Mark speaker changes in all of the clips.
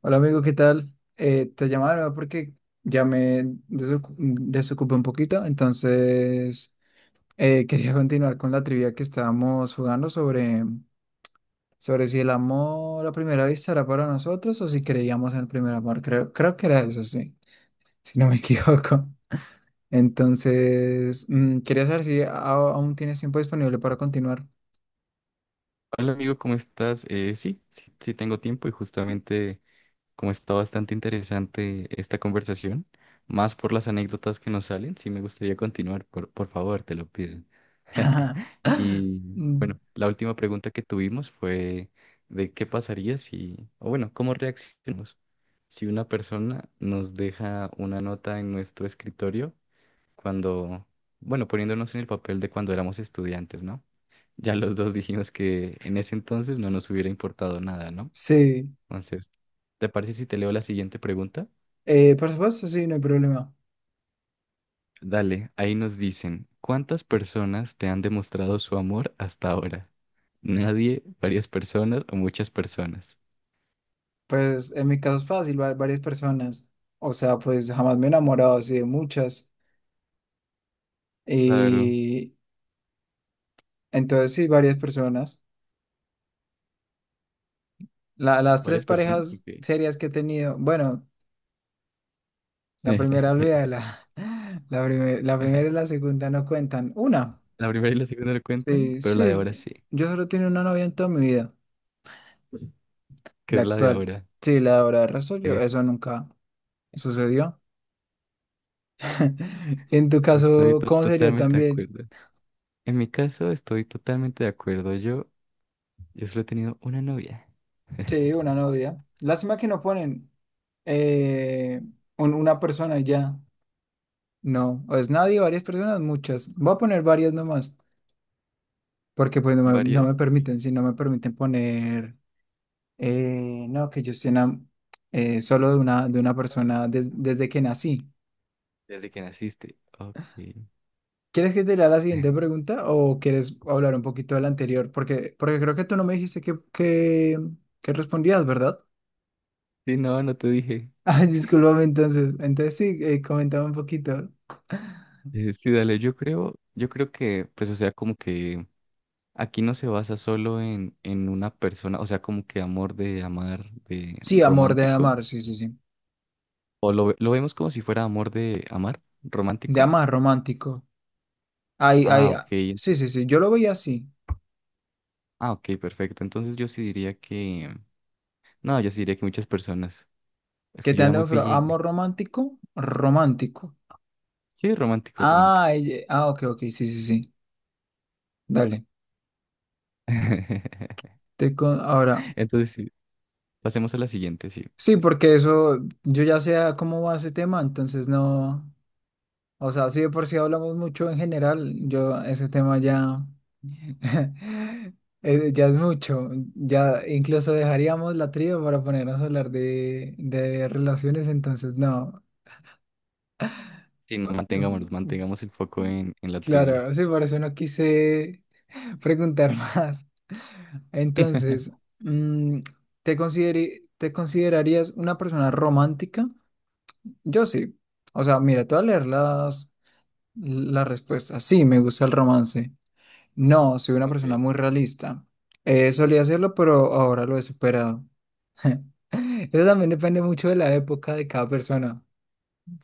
Speaker 1: Hola amigo, ¿qué tal? Te llamaba porque desocupé un poquito, entonces quería continuar con la trivia que estábamos jugando sobre si el amor a primera vista era para nosotros o si creíamos en el primer amor. Creo que era eso, sí, si no me equivoco. Entonces, quería saber si aún tienes tiempo disponible para continuar.
Speaker 2: Hola amigo, ¿cómo estás? Sí, tengo tiempo y justamente como está bastante interesante esta conversación, más por las anécdotas que nos salen, sí me gustaría continuar, por favor, te lo pido. Y
Speaker 1: Mm,
Speaker 2: la última pregunta que tuvimos fue de qué pasaría si, o bueno, cómo reaccionamos si una persona nos deja una nota en nuestro escritorio cuando, bueno, poniéndonos en el papel de cuando éramos estudiantes, ¿no? Ya los dos dijimos que en ese entonces no nos hubiera importado nada, ¿no?
Speaker 1: sí,
Speaker 2: Entonces, ¿te parece si te leo la siguiente pregunta?
Speaker 1: por supuesto, sí, no hay problema.
Speaker 2: Dale, ahí nos dicen, ¿cuántas personas te han demostrado su amor hasta ahora? ¿Nadie, varias personas o muchas personas?
Speaker 1: Pues en mi caso es fácil, varias personas. O sea, pues jamás me he enamorado así de muchas.
Speaker 2: Claro,
Speaker 1: Y entonces sí, varias personas. Las tres
Speaker 2: varias personas,
Speaker 1: parejas
Speaker 2: ok.
Speaker 1: serias que he tenido, bueno, la primera olvida, la primera y la segunda no cuentan. Una,
Speaker 2: La primera y la segunda no cuentan,
Speaker 1: sí,
Speaker 2: pero la de
Speaker 1: sí,
Speaker 2: ahora sí,
Speaker 1: yo solo tengo una novia en toda mi vida,
Speaker 2: que
Speaker 1: la
Speaker 2: es la de
Speaker 1: actual.
Speaker 2: ahora.
Speaker 1: Sí, la de ahora, de resto yo, eso nunca sucedió. En tu
Speaker 2: Estoy
Speaker 1: caso, ¿cómo sería
Speaker 2: totalmente de
Speaker 1: también?
Speaker 2: acuerdo. En mi caso estoy totalmente de acuerdo. Yo solo he tenido una novia.
Speaker 1: Sí, una novia. Lástima que no ponen eh, una persona y ya. No, o es nadie, varias personas, muchas. Voy a poner varias nomás, porque no me
Speaker 2: ¿Varias? Ok.
Speaker 1: permiten, si no me permiten poner, no, que yo estoy solo de una persona desde que nací.
Speaker 2: Desde que naciste. Ok.
Speaker 1: ¿Quieres que te lea la siguiente pregunta o quieres hablar un poquito de la anterior? Porque creo que tú no me dijiste que respondías, ¿verdad?
Speaker 2: Sí, no, no te dije.
Speaker 1: Ay, discúlpame entonces. Entonces sí, comentaba un poquito.
Speaker 2: Sí, dale, yo creo que, pues, o sea, como que aquí no se basa solo en una persona, o sea, como que amor de amar, de
Speaker 1: Sí, amor de
Speaker 2: romántico,
Speaker 1: amar, sí, sí, sí.
Speaker 2: o lo, lo vemos como si fuera amor de amar,
Speaker 1: De
Speaker 2: romántico.
Speaker 1: amar romántico. Ay,
Speaker 2: Ah,
Speaker 1: ay,
Speaker 2: ok,
Speaker 1: ah,
Speaker 2: ento-
Speaker 1: sí, sí, sí. Yo lo veía así.
Speaker 2: ah, ok, perfecto. Entonces yo sí diría que, no, yo sí diría que muchas personas. Es
Speaker 1: Que
Speaker 2: que yo
Speaker 1: te
Speaker 2: era
Speaker 1: han
Speaker 2: muy
Speaker 1: ofrecido
Speaker 2: pillín.
Speaker 1: amor romántico, romántico.
Speaker 2: Sí, romántico, romántico.
Speaker 1: Ah, ok, ok, sí, sí, sí. Dale. Ahora,
Speaker 2: Entonces, sí, pasemos a la siguiente, sí,
Speaker 1: sí,
Speaker 2: sí, sí.
Speaker 1: porque eso, yo ya sé a cómo va ese tema, entonces no. O sea, sí, de por si hablamos mucho en general, yo ese tema ya, ya es mucho, ya incluso dejaríamos la tría para ponernos a hablar de relaciones, entonces no.
Speaker 2: Sí, no mantengamos el foco en la trivia.
Speaker 1: Claro, sí, por eso no quise preguntar más. Entonces, mm, ¿te considerarías una persona romántica? Yo sí. O sea, mira, te voy a leer las respuestas. Sí, me gusta el romance. No, soy una
Speaker 2: Ok.
Speaker 1: persona muy realista. Solía hacerlo, pero ahora lo he superado. Eso también depende mucho de la época de cada persona,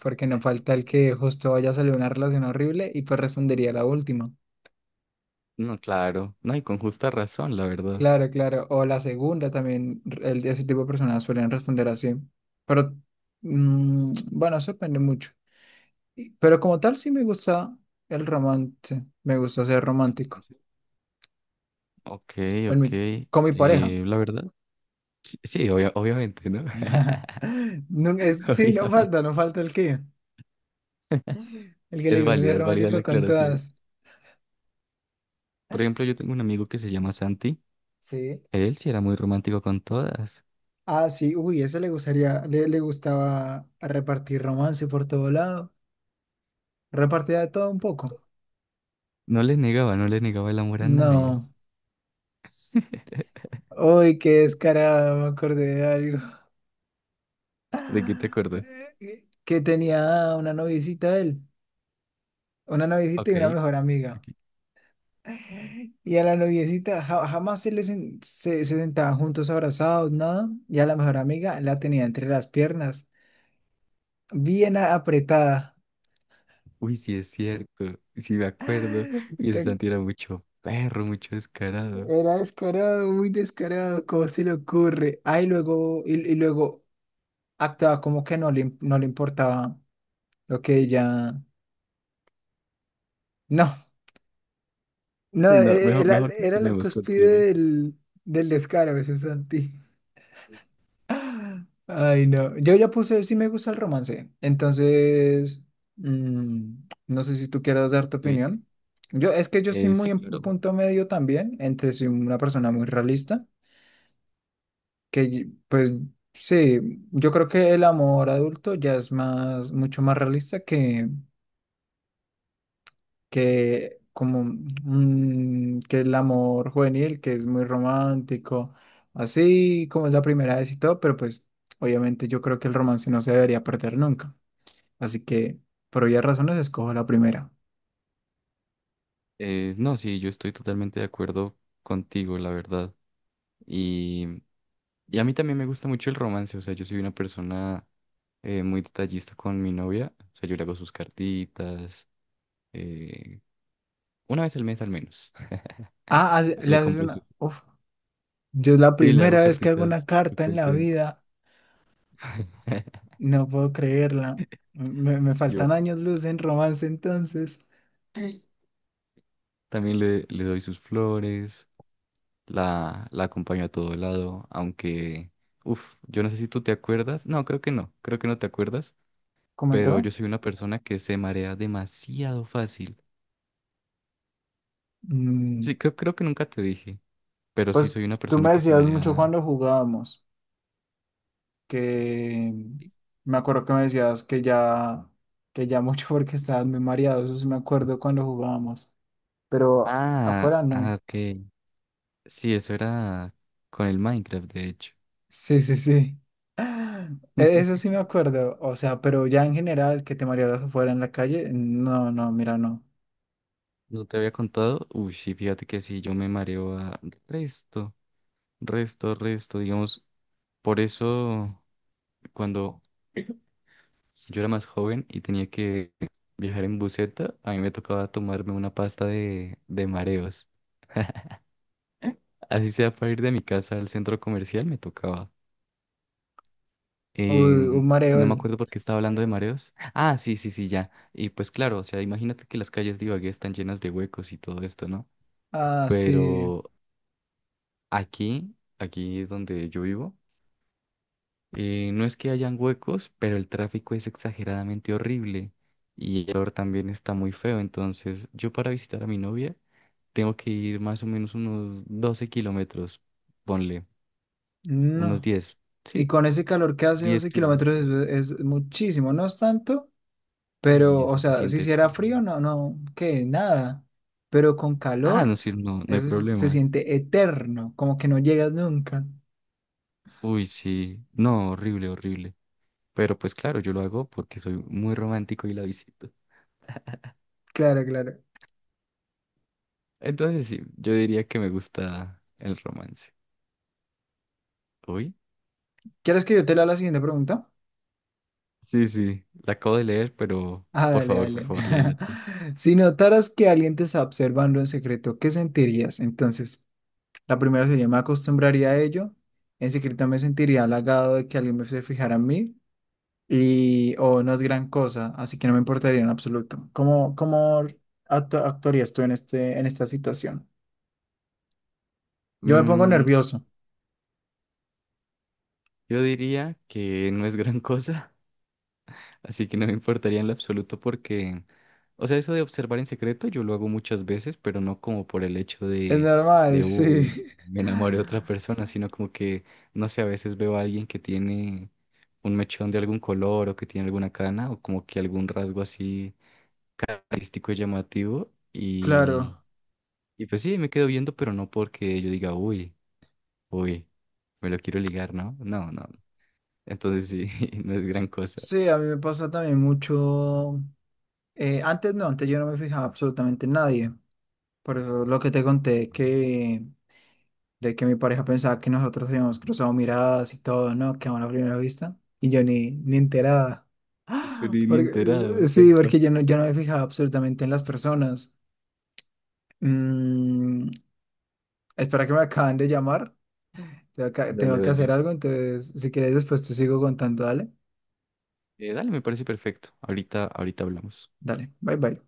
Speaker 1: porque no falta el
Speaker 2: eh,
Speaker 1: que justo vaya a salir una relación horrible y pues respondería la última.
Speaker 2: no, claro. No, y con justa razón, la verdad.
Speaker 1: Claro, claro. O la segunda también, ese tipo de personas suelen responder así. Pero bueno, eso depende mucho. Pero como tal, sí me gusta el romance, me gusta ser
Speaker 2: ¿El
Speaker 1: romántico.
Speaker 2: romance? Ok,
Speaker 1: Con
Speaker 2: ok.
Speaker 1: mi, con mi pareja.
Speaker 2: La verdad. Sí, sí, obviamente, ¿no?
Speaker 1: No, es, sí,
Speaker 2: Obviamente.
Speaker 1: no falta el que le gusta ser
Speaker 2: Es válida la
Speaker 1: romántico con
Speaker 2: aclaración.
Speaker 1: todas.
Speaker 2: Por ejemplo, yo tengo un amigo que se llama Santi.
Speaker 1: Sí.
Speaker 2: Él sí era muy romántico con todas.
Speaker 1: Ah, sí, uy, eso le gustaría, le gustaba repartir romance por todo lado, repartía de todo un poco.
Speaker 2: No le negaba, no le negaba el amor a nadie.
Speaker 1: No, uy, qué descarado, me acordé de algo.
Speaker 2: ¿De qué te acordaste?
Speaker 1: Que tenía una noviecita él, una noviecita y
Speaker 2: Ok,
Speaker 1: una mejor amiga.
Speaker 2: ok.
Speaker 1: Y a la noviecita ja- jamás se les en- se sentaban juntos abrazados, nada. Y a la mejor amiga la tenía entre las piernas, bien apretada.
Speaker 2: Uy, sí es cierto. Sí me acuerdo. Y
Speaker 1: Puta,
Speaker 2: ese Santi era mucho perro, mucho descarado.
Speaker 1: era descarado, muy descarado, ¿cómo se le ocurre? Ay, luego, y luego actuaba como que no le importaba lo que ella. No, no,
Speaker 2: Sí, no, mejor, mejor
Speaker 1: era la
Speaker 2: continuemos,
Speaker 1: cúspide
Speaker 2: continuemos.
Speaker 1: del, del descaro, eso es Santi. Ay, no. Yo ya puse, sí me gusta el romance. Entonces, mm, no sé si tú quieras dar tu
Speaker 2: Eh,
Speaker 1: opinión. Yo, es que yo soy muy
Speaker 2: sí,
Speaker 1: en un
Speaker 2: claro.
Speaker 1: punto medio también, entre soy una persona muy realista, pues sí, yo creo que el amor adulto ya es más, mucho más realista que como que el amor juvenil, que es muy romántico, así como es la primera vez y todo, pero pues obviamente yo creo que el romance no se debería perder nunca. Así que, por obvias razones, escojo la primera.
Speaker 2: No, sí, yo estoy totalmente de acuerdo contigo, la verdad. Y, y a mí también me gusta mucho el romance. O sea, yo soy una persona muy detallista con mi novia. O sea, yo le hago sus cartitas. eh, una vez al mes al menos.
Speaker 1: Le
Speaker 2: Le
Speaker 1: haces
Speaker 2: compro su...
Speaker 1: una. Uf, yo es la
Speaker 2: Sí, le hago
Speaker 1: primera vez que hago una
Speaker 2: cartitas
Speaker 1: carta en la
Speaker 2: frecuentemente.
Speaker 1: vida. No puedo creerla. Me
Speaker 2: Yo
Speaker 1: faltan años luz en romance, entonces.
Speaker 2: también le doy sus flores, la acompaño a todo lado, aunque, uff, yo no sé si tú te acuerdas, no, creo que no, creo que no te acuerdas,
Speaker 1: Coméntame.
Speaker 2: pero yo soy una persona que se marea demasiado fácil.
Speaker 1: Mm,
Speaker 2: Sí, creo que nunca te dije, pero sí
Speaker 1: pues
Speaker 2: soy una
Speaker 1: tú
Speaker 2: persona
Speaker 1: me
Speaker 2: que se
Speaker 1: decías mucho
Speaker 2: marea.
Speaker 1: cuando jugábamos que
Speaker 2: ¿Sí?
Speaker 1: me acuerdo que me decías que ya mucho porque estabas muy mareado. Eso sí me acuerdo cuando jugábamos. Pero
Speaker 2: Ah,
Speaker 1: afuera
Speaker 2: ah,
Speaker 1: no.
Speaker 2: ok. Sí, eso era con el Minecraft, de hecho.
Speaker 1: Sí, sí, sí. Ah, Eso sí me acuerdo. O sea, pero ya en general, que te marearas afuera en la calle, no, no, mira, no.
Speaker 2: ¿No te había contado? Uy, sí, fíjate que sí, yo me mareo a resto, resto, resto, digamos, por eso. Cuando yo era más joven y tenía que viajar en buseta, a mí me tocaba tomarme una pasta de mareos. Así sea para ir de mi casa al centro comercial, me tocaba.
Speaker 1: Uy, un
Speaker 2: No
Speaker 1: mareol.
Speaker 2: me acuerdo por qué estaba hablando de mareos. Ah, sí, sí, sí, ya. Y pues claro, o sea, imagínate que las calles de Ibagué están llenas de huecos y todo esto, ¿no?
Speaker 1: Ah, sí.
Speaker 2: Pero aquí donde yo vivo, eh, no es que hayan huecos, pero el tráfico es exageradamente horrible y el calor también está muy feo. Entonces, yo para visitar a mi novia tengo que ir más o menos unos 12 kilómetros, ponle, unos
Speaker 1: No.
Speaker 2: 10,
Speaker 1: Y
Speaker 2: sí,
Speaker 1: con ese calor que hace
Speaker 2: 10
Speaker 1: 12 kilómetros
Speaker 2: kilómetros.
Speaker 1: es muchísimo, no es tanto,
Speaker 2: Uy,
Speaker 1: pero, o
Speaker 2: eso se
Speaker 1: sea, si
Speaker 2: siente
Speaker 1: hiciera frío,
Speaker 2: eterno.
Speaker 1: no, no, que nada. Pero con
Speaker 2: Ah,
Speaker 1: calor,
Speaker 2: no, sí, no, no hay
Speaker 1: eso sí se
Speaker 2: problema.
Speaker 1: siente eterno, como que no llegas nunca.
Speaker 2: Uy, sí, no, horrible, horrible. Pero pues claro, yo lo hago porque soy muy romántico y la visito.
Speaker 1: Claro, claro.
Speaker 2: Entonces, sí, yo diría que me gusta el romance. Uy.
Speaker 1: ¿Quieres que yo te lea la siguiente pregunta?
Speaker 2: Sí, sí, la acabo de leer, pero
Speaker 1: Ah, dale,
Speaker 2: por
Speaker 1: dale.
Speaker 2: favor, léela tú.
Speaker 1: Si notaras que alguien te está observando en secreto, ¿qué sentirías? Entonces, la primera sería, me acostumbraría a ello. En secreto me sentiría halagado de que alguien me se fijara en mí. Y, o no es gran cosa, así que no me importaría en absoluto. ¿Cómo, actuarías tú en este, en esta situación? Yo me pongo
Speaker 2: Mm,
Speaker 1: nervioso.
Speaker 2: yo diría que no es gran cosa, así que no me importaría en lo absoluto porque, o sea, eso de observar en secreto yo lo hago muchas veces, pero no como por el hecho
Speaker 1: Es normal, sí.
Speaker 2: uy, me enamoré de otra persona, sino como que, no sé, a veces veo a alguien que tiene un mechón de algún color o que tiene alguna cana o como que algún rasgo así artístico y llamativo
Speaker 1: Claro.
Speaker 2: y pues sí, me quedo viendo, pero no porque yo diga, uy. Uy, me lo quiero ligar, ¿no? No, no. Entonces sí, no es gran cosa.
Speaker 1: Sí, a mí me pasa también mucho. Eh, antes no, antes yo no me fijaba absolutamente en nadie. Por eso lo que te conté,
Speaker 2: Ujú.
Speaker 1: que de que mi pareja pensaba que nosotros habíamos cruzado miradas y todo, ¿no? Que a una primera vista. Y yo ni, ni enterada.
Speaker 2: Pero
Speaker 1: ¡Ah!
Speaker 2: ni
Speaker 1: Porque,
Speaker 2: enterado.
Speaker 1: sí, porque yo no me fijaba absolutamente en las personas. Mm, espera que me acaban de llamar.
Speaker 2: Dale,
Speaker 1: Tengo que hacer
Speaker 2: dale.
Speaker 1: algo, entonces si quieres después te sigo contando, dale.
Speaker 2: Dale, me parece perfecto. Ahorita, ahorita hablamos.
Speaker 1: Dale, bye bye.